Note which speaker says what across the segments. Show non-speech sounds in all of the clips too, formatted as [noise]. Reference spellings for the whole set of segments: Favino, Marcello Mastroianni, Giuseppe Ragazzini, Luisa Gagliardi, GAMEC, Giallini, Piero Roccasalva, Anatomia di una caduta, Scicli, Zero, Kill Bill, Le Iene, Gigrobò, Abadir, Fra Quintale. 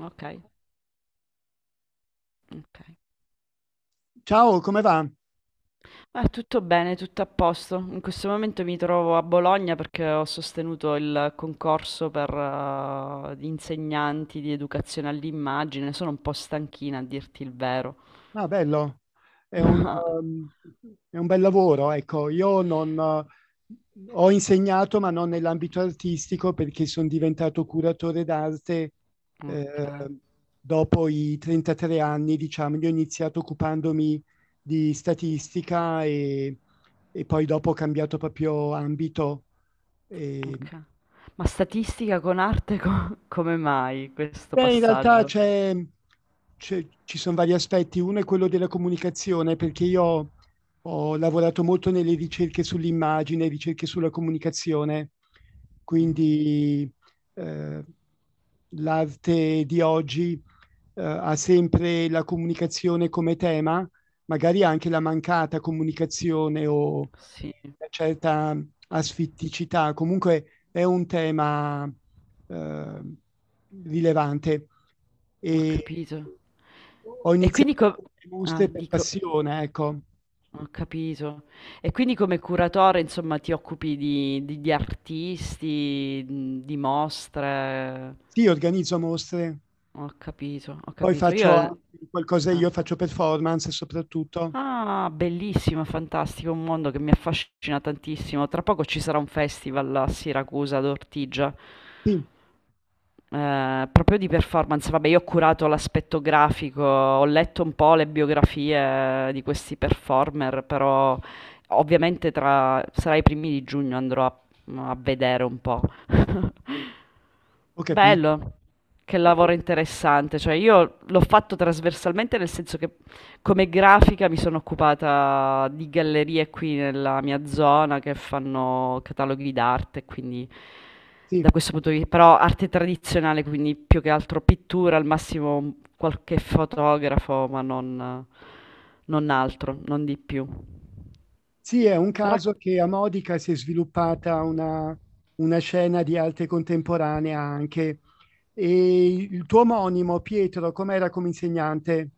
Speaker 1: Okay, okay.
Speaker 2: Ciao, come va?
Speaker 1: Tutto bene, tutto a posto. In questo momento mi trovo a Bologna perché ho sostenuto il concorso per gli insegnanti di educazione all'immagine. Sono un po' stanchina a dirti il vero.
Speaker 2: Ah, bello. È un
Speaker 1: [laughs]
Speaker 2: uhm, è un bel lavoro, ecco. Io non ho insegnato, ma non nell'ambito artistico, perché son diventato curatore d'arte,
Speaker 1: Ok,
Speaker 2: ehm, dopo i 33 anni, diciamo. Io ho iniziato occupandomi di statistica e poi dopo ho cambiato proprio ambito. ehm
Speaker 1: ok. Ma statistica con arte come mai questo
Speaker 2: Beh, in realtà
Speaker 1: passaggio?
Speaker 2: c'è, ci son vari aspetti. Uno è quello della comunicazione, perché io ho lavorato molto nelle ricerche sull'immagine, ricerche sulla comunicazione.
Speaker 1: Mhm.
Speaker 2: Quindi, ehm, l'arte di oggi, ha sempre la comunicazione come tema, magari anche la mancata comunicazione o
Speaker 1: Sì,
Speaker 2: una certa asfitticità. Comunque è un tema eh, rilevante. E
Speaker 1: ho capito.
Speaker 2: ho
Speaker 1: E quindi
Speaker 2: iniziato
Speaker 1: co-
Speaker 2: con le
Speaker 1: ah,
Speaker 2: mostre per
Speaker 1: dico,
Speaker 2: passione, ecco.
Speaker 1: Ho capito. E quindi come curatore, insomma, ti occupi di artisti, mhmm, di mostre.
Speaker 2: Sì, organizzo mostre,
Speaker 1: Ho capito, ho
Speaker 2: poi
Speaker 1: capito.
Speaker 2: faccio
Speaker 1: Io
Speaker 2: anche qualcosa
Speaker 1: ah.
Speaker 2: io, faccio performance soprattutto.
Speaker 1: Ah, bellissimo, fantastico, un mondo che mi affascina tantissimo. Tra poco ci sarà un festival a Siracusa ad Ortigia.
Speaker 2: Sì,
Speaker 1: Proprio di performance, vabbè, io ho curato l'aspetto grafico, ho letto un po' le biografie di questi performer, però ovviamente tra sarà i primi di giugno andrò a, a vedere un po'. [laughs]
Speaker 2: ho capito.
Speaker 1: Bello, che lavoro interessante, cioè io l'ho fatto trasversalmente nel senso che come grafica mi sono occupata di gallerie qui nella mia zona che fanno cataloghi d'arte, quindi
Speaker 2: Sì.
Speaker 1: da questo punto di vi però arte tradizionale, quindi più che altro pittura, al massimo un qualche fotografo, ma non non altro, non di più.
Speaker 2: Sì, è un
Speaker 1: Rac
Speaker 2: caso che a Modica si è sviluppata una scena di arte contemporanea anche. E il tuo omonimo, Pietro, com'era come insegnante?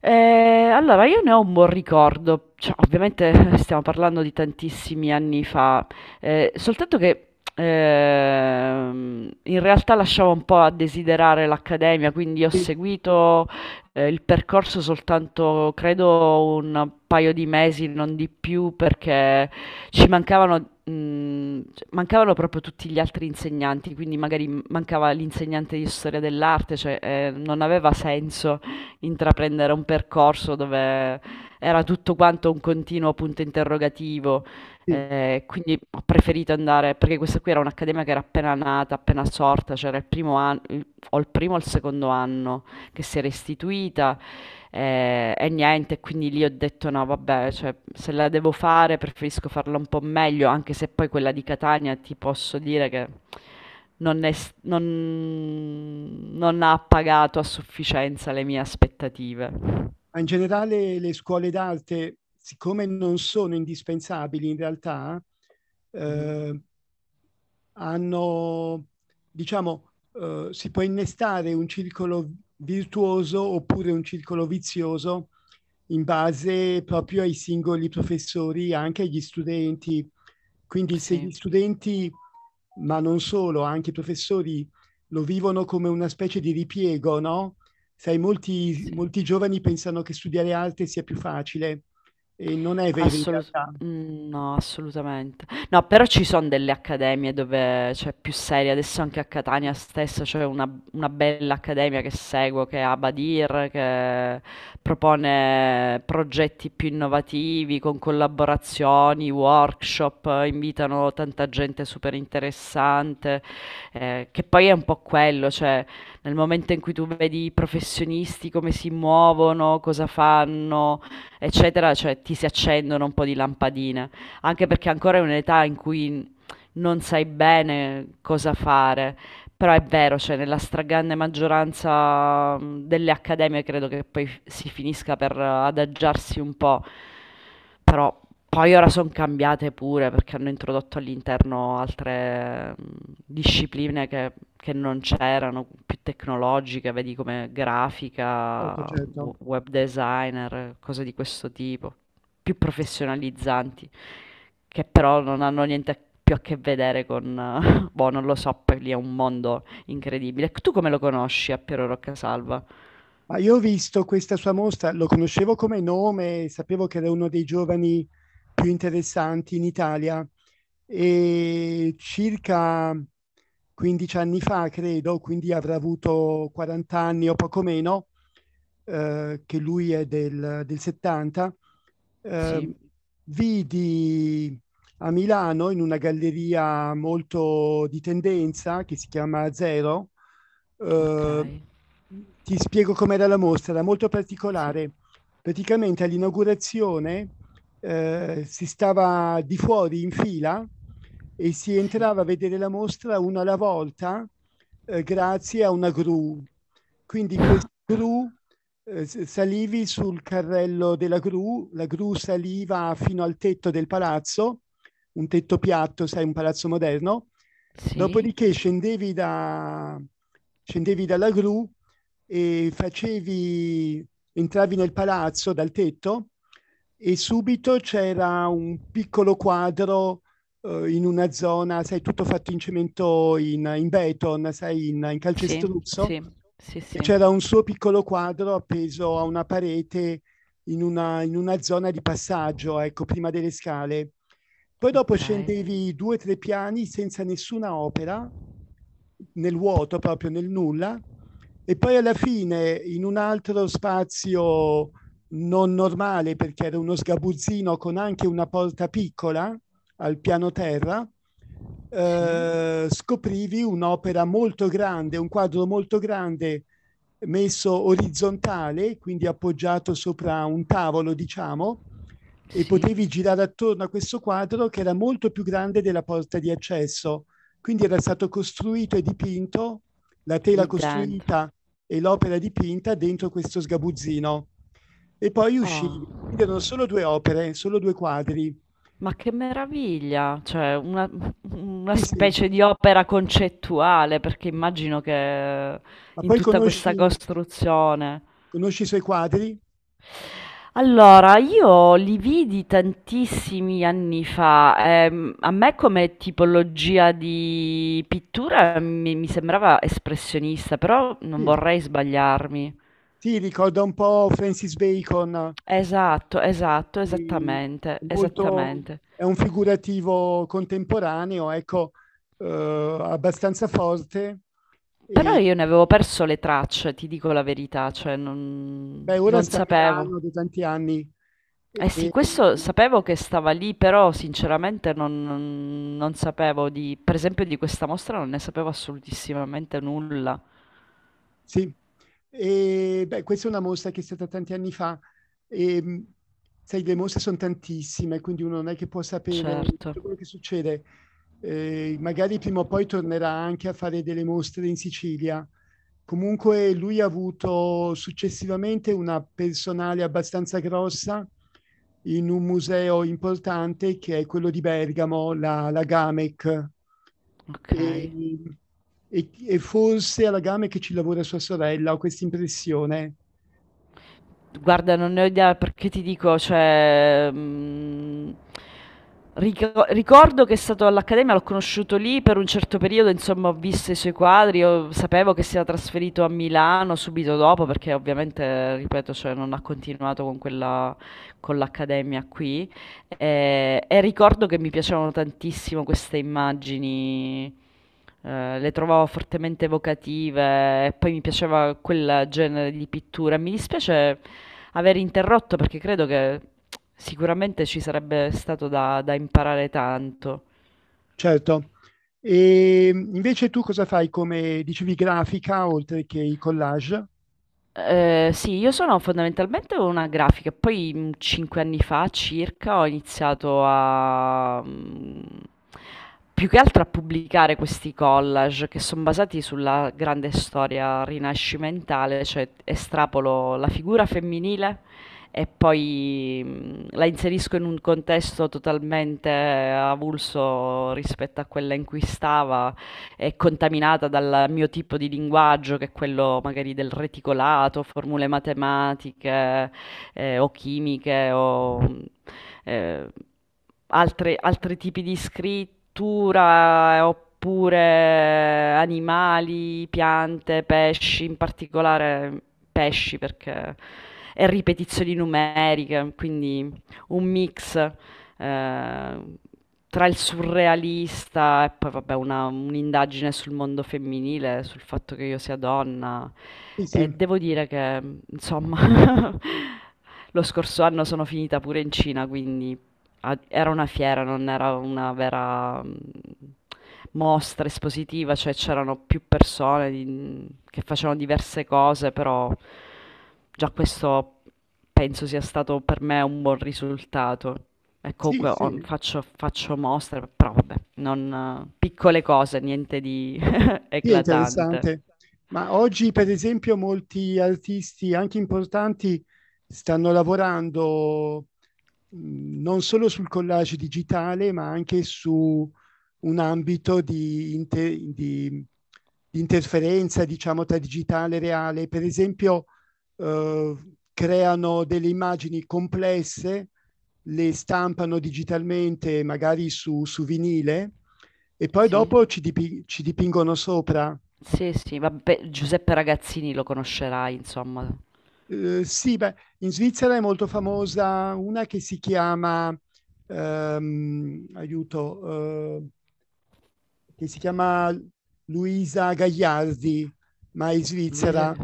Speaker 1: Allora io ne ho un buon ricordo, cioè ovviamente [laughs] stiamo parlando di tantissimi anni fa, soltanto che, in realtà lasciava un po' a desiderare l'accademia, quindi ho
Speaker 2: Sì,
Speaker 1: seguito, il percorso soltanto credo un paio di mesi, non di più, perché ci mancavano mhmm, cioè mancavano proprio tutti gli altri insegnanti, quindi magari mancava l'insegnante di storia dell'arte, cioè, non aveva senso intraprendere un percorso dove era tutto quanto un continuo punto interrogativo.
Speaker 2: sì.
Speaker 1: Quindi ho preferito andare perché questa qui era un'accademia che era appena nata, appena sorta, c'era il primo an il o il primo o il secondo anno che si era istituita, e niente, quindi lì ho detto: "No vabbè, cioè se la devo fare preferisco farla un po' meglio", anche se poi quella di Catania ti posso dire che non è s non non ha pagato a sufficienza le mie aspettative.
Speaker 2: Ma in generale le scuole d'arte, siccome non sono indispensabili in realtà,
Speaker 1: Mh-mh.
Speaker 2: uhm hanno, diciamo, si può innestare un circolo virtuoso oppure un circolo vizioso in base proprio ai singoli professori, anche agli studenti. Quindi se gli
Speaker 1: Sì,
Speaker 2: studenti, ma non solo, anche i professori lo vivono come una specie di ripiego, no, sai molti
Speaker 1: sì.
Speaker 2: molti giovani pensano che studiare arte sia più facile, e non è vero in
Speaker 1: Assolut-
Speaker 2: realtà.
Speaker 1: mm, no, assolutamente. No, però ci sono delle accademie dove c'è più seria. Adesso anche a Catania stessa c'è una bella accademia che seguo, che è Abadir, che propone progetti più innovativi con collaborazioni, workshop, invitano tanta gente super interessante, che poi è un po' quello, cioè nel momento in cui tu vedi i professionisti come si muovono, cosa fanno eccetera, cioè ti si accendono un po' di lampadine, anche perché ancora è un'età in cui non sai bene cosa fare. Però è vero, cioè nella stragrande maggioranza delle accademie credo che poi si finisca per adagiarsi un po', però poi ora sono cambiate pure perché hanno introdotto all'interno altre discipline che non c'erano, più tecnologiche, vedi come
Speaker 2: Certo,
Speaker 1: grafica,
Speaker 2: certo.
Speaker 1: web designer, cose di questo tipo, più professionalizzanti. Che però non hanno niente più a che vedere con [laughs] boh, non lo so, poi lì è un mondo incredibile. Tu come lo conosci a Piero Roccasalva?
Speaker 2: Ma io ho visto questa sua mostra, lo conoscevo come nome, sapevo che era uno dei giovani più interessanti in Italia. E circa 15 anni fa, credo, quindi avrà avuto 40 anni o poco meno, che lui è del 70.
Speaker 1: Sì,
Speaker 2: eh, Vidi a Milano in una galleria molto di tendenza che si chiama Zero.
Speaker 1: ok,
Speaker 2: eh, Ti spiego com'era la mostra, era molto
Speaker 1: sì,
Speaker 2: particolare. Praticamente all'inaugurazione si stava di fuori in fila e si
Speaker 1: sì,
Speaker 2: entrava a vedere la mostra una alla volta, grazie a una gru. Quindi questa gru, salivi sul carrello della gru, la gru saliva fino al tetto del palazzo, un tetto piatto, sai, un palazzo moderno.
Speaker 1: sì,
Speaker 2: Dopodiché scendevi dalla gru e entravi nel palazzo dal tetto, e subito c'era un piccolo quadro in una zona, sai, tutto fatto in cemento, in beton, sai, in
Speaker 1: sì,
Speaker 2: calcestruzzo.
Speaker 1: sì, sì,
Speaker 2: E
Speaker 1: sì,
Speaker 2: c'era un suo piccolo quadro appeso a una parete, in una zona di passaggio, ecco, prima delle scale. Poi dopo
Speaker 1: ok,
Speaker 2: scendevi due o tre piani senza nessuna opera, nel vuoto, proprio nel nulla, e poi alla fine in un altro spazio non normale, perché era uno sgabuzzino con anche una porta piccola al piano terra,
Speaker 1: sì,
Speaker 2: scoprivi un'opera molto grande, un quadro molto grande messo orizzontale, quindi appoggiato sopra un tavolo, diciamo, e
Speaker 1: sì,
Speaker 2: potevi girare attorno a questo quadro che era molto più grande della porta di accesso, quindi era stato costruito e dipinto, la tela
Speaker 1: lì dentro.
Speaker 2: costruita e l'opera dipinta dentro questo sgabuzzino. E poi uscì.
Speaker 1: Oh,
Speaker 2: Quindi erano solo due opere, solo due quadri.
Speaker 1: ma che meraviglia! Cioè, una
Speaker 2: Sì, sì.
Speaker 1: specie di opera concettuale, perché immagino che
Speaker 2: Ma
Speaker 1: in
Speaker 2: poi
Speaker 1: tutta
Speaker 2: conosci,
Speaker 1: questa costruzione.
Speaker 2: conosci i suoi quadri?
Speaker 1: Allora, io li vidi tantissimi anni fa, a me come tipologia di pittura mi sembrava espressionista, però non
Speaker 2: Sì.
Speaker 1: vorrei sbagliarmi.
Speaker 2: Sì, ricorda un po' Francis Bacon,
Speaker 1: Esatto, esatto,
Speaker 2: eh,
Speaker 1: esattamente,
Speaker 2: molto,
Speaker 1: esattamente.
Speaker 2: è un figurativo contemporaneo, ecco, abbastanza forte.
Speaker 1: Però
Speaker 2: E,
Speaker 1: io ne avevo perso le tracce, ti dico la verità, cioè
Speaker 2: beh, ora
Speaker 1: non
Speaker 2: sta a
Speaker 1: sapevo.
Speaker 2: Milano da tanti anni.
Speaker 1: Eh sì,
Speaker 2: E,
Speaker 1: questo sapevo che stava lì, però sinceramente non sapevo di, per esempio, di questa mostra non ne sapevo assolutissimamente nulla.
Speaker 2: sì, e, beh, questa è una mostra che è stata tanti anni fa. E, sai, le mostre sono tantissime, quindi uno non è che può sapere
Speaker 1: Certo,
Speaker 2: tutto quello che succede. Magari prima o poi tornerà anche a fare delle mostre in Sicilia. Comunque lui ha avuto successivamente una personale abbastanza grossa in un museo importante che è quello di Bergamo, la GAMEC. E,
Speaker 1: okay.
Speaker 2: e forse alla GAMEC ci lavora sua sorella, ho questa impressione,
Speaker 1: Guarda, non ne ho idea perché ti dico, cioè, mhmm, ricordo che è stato all'Accademia, l'ho conosciuto lì per un certo periodo, insomma, ho visto i suoi quadri, ho sapevo che si era trasferito a Milano subito dopo perché ovviamente, ripeto, cioè, non ha continuato con quella con l'Accademia qui, e ricordo che mi piacevano tantissimo queste immagini. Le trovavo fortemente evocative e poi mi piaceva quel genere di pittura. Mi dispiace aver interrotto perché credo che sicuramente ci sarebbe stato da imparare tanto.
Speaker 2: certo. E invece tu cosa fai come, dicevi, grafica oltre che i collage?
Speaker 1: Sì, io sono fondamentalmente una grafica, poi 5 anni fa circa ho iniziato a più che altro a pubblicare questi collage che sono basati sulla grande storia rinascimentale, cioè estrapolo la figura femminile e poi la inserisco in un contesto totalmente avulso rispetto a quella in cui stava, è contaminata dal mio tipo di linguaggio, che è quello magari del reticolato, formule matematiche, o chimiche o, mhmm, ehm, altre altri tipi di scrittura, oppure animali, piante, pesci, in particolare pesci perché e ripetizioni numeriche, quindi un mix ehm, tra il surrealista e poi vabbè una un'indagine sul mondo femminile, sul fatto che io sia donna.
Speaker 2: Sì, sì,
Speaker 1: E devo dire che, insomma, [laughs] lo scorso anno sono finita pure in Cina, quindi era una fiera, non era una vera mm, mostra espositiva, cioè c'erano più persone che facevano diverse cose, però già questo penso sia stato per me un buon risultato. E
Speaker 2: sì,
Speaker 1: comunque
Speaker 2: sì.
Speaker 1: ho faccio mostre, però vabbè, non piccole cose, niente di [laughs]
Speaker 2: Sì, è
Speaker 1: eclatante.
Speaker 2: interessante. Ma oggi, per esempio, molti artisti, anche importanti, stanno lavorando, non solo sul collage digitale, ma anche su un ambito di interferenza, diciamo, tra digitale e reale. Per esempio, creano delle immagini complesse, le stampano digitalmente, magari su vinile, e poi
Speaker 1: Sì,
Speaker 2: dopo ci dipingono sopra.
Speaker 1: sì, sì, vabbè, Giuseppe Ragazzini lo conoscerai, insomma.
Speaker 2: Sì, beh, in Svizzera è molto famosa una che si chiama, aiuto, che si chiama Luisa Gagliardi, ma è
Speaker 1: Luisa
Speaker 2: svizzera,
Speaker 1: che...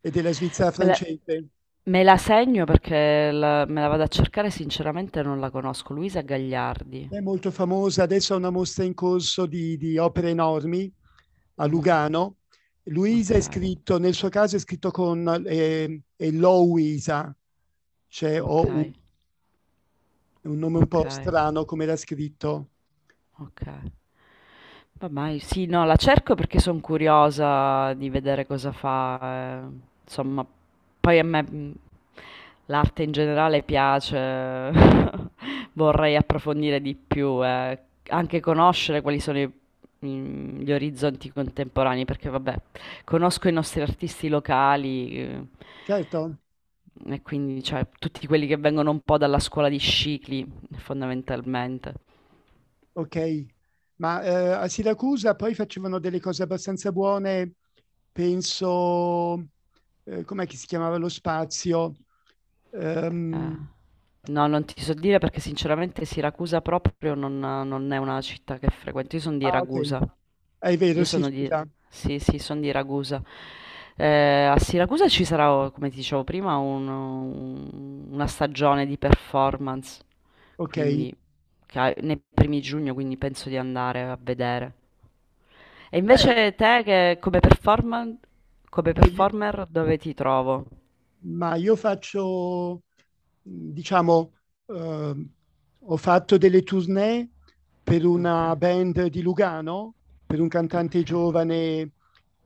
Speaker 2: e della Svizzera
Speaker 1: Me la,
Speaker 2: francese.
Speaker 1: me la segno perché me la vado a cercare, sinceramente non la conosco. Luisa Gagliardi.
Speaker 2: È molto famosa, adesso ha una mostra in corso di opere enormi a
Speaker 1: Mhm.
Speaker 2: Lugano. Luisa
Speaker 1: Ok,
Speaker 2: è scritto, nel suo caso è scritto con, è Louisa, cioè
Speaker 1: ok,
Speaker 2: O-U. È un nome un
Speaker 1: ok,
Speaker 2: po' strano come era scritto.
Speaker 1: ok. Vabbè, sì, no, la cerco perché sono curiosa di vedere cosa fa. Eh. Insomma, poi a me l'arte in generale piace, [laughs] vorrei approfondire di più, eh. Anche conoscere quali sono gli orizzonti contemporanei, perché vabbè, conosco i nostri artisti locali,
Speaker 2: Certo,
Speaker 1: e quindi cioè, tutti quelli che vengono un po' dalla scuola di Scicli, fondamentalmente.
Speaker 2: okay. Ma, a Siracusa poi facevano delle cose abbastanza buone, penso. Com'è che si chiamava lo spazio? Ehm,
Speaker 1: Eh. No, non ti so dire perché sinceramente Siracusa proprio non è una città che frequento. Io sono di
Speaker 2: ah okay.
Speaker 1: Ragusa.
Speaker 2: Ah, è vero,
Speaker 1: Io
Speaker 2: sì,
Speaker 1: sono di...
Speaker 2: scusa,
Speaker 1: Sì, sì, sono di Ragusa. A Siracusa ci sarà, oh, come ti dicevo prima, una stagione di performance,
Speaker 2: okay.
Speaker 1: quindi nei primi giugno, quindi penso di andare a vedere. E
Speaker 2: Beh,
Speaker 1: invece te che come come
Speaker 2: beh, i
Speaker 1: performer dove ti trovo?
Speaker 2: ma io faccio, diciamo, eh, ho fatto delle tournée per
Speaker 1: Ok,
Speaker 2: una band di Lugano, per un cantante
Speaker 1: ok.
Speaker 2: giovane,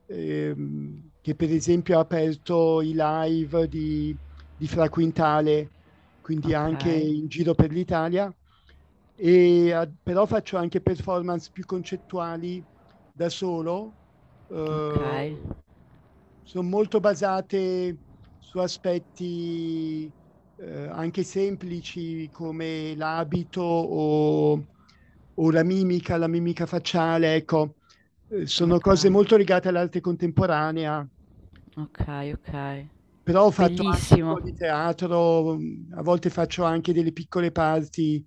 Speaker 2: che per esempio ha aperto i live di Fra Quintale, quindi anche
Speaker 1: Okay,
Speaker 2: in giro per l'Italia. E, però faccio anche performance più concettuali da solo, eh,
Speaker 1: okay,
Speaker 2: sono molto basate su aspetti, anche semplici come l'abito o la mimica, facciale, ecco, sono cose
Speaker 1: okay,
Speaker 2: molto legate all'arte contemporanea,
Speaker 1: okay, okay.
Speaker 2: però ho fatto anche un
Speaker 1: Bellissimo,
Speaker 2: po' di teatro, a volte faccio anche delle piccole parti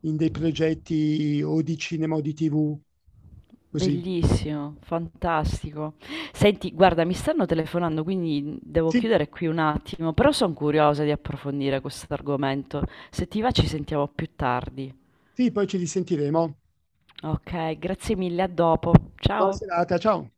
Speaker 2: in dei progetti o di cinema o di TV, così.
Speaker 1: bellissimo, fantastico. Senti, guarda, mi stanno telefonando, quindi devo
Speaker 2: Sì,
Speaker 1: chiudere qui un attimo, però sono curiosa di approfondire questo argomento. Se ti va ci sentiamo più tardi.
Speaker 2: sì, poi ci risentiremo.
Speaker 1: Ok, grazie mille, a dopo.
Speaker 2: Buona
Speaker 1: Ciao.
Speaker 2: serata, ciao.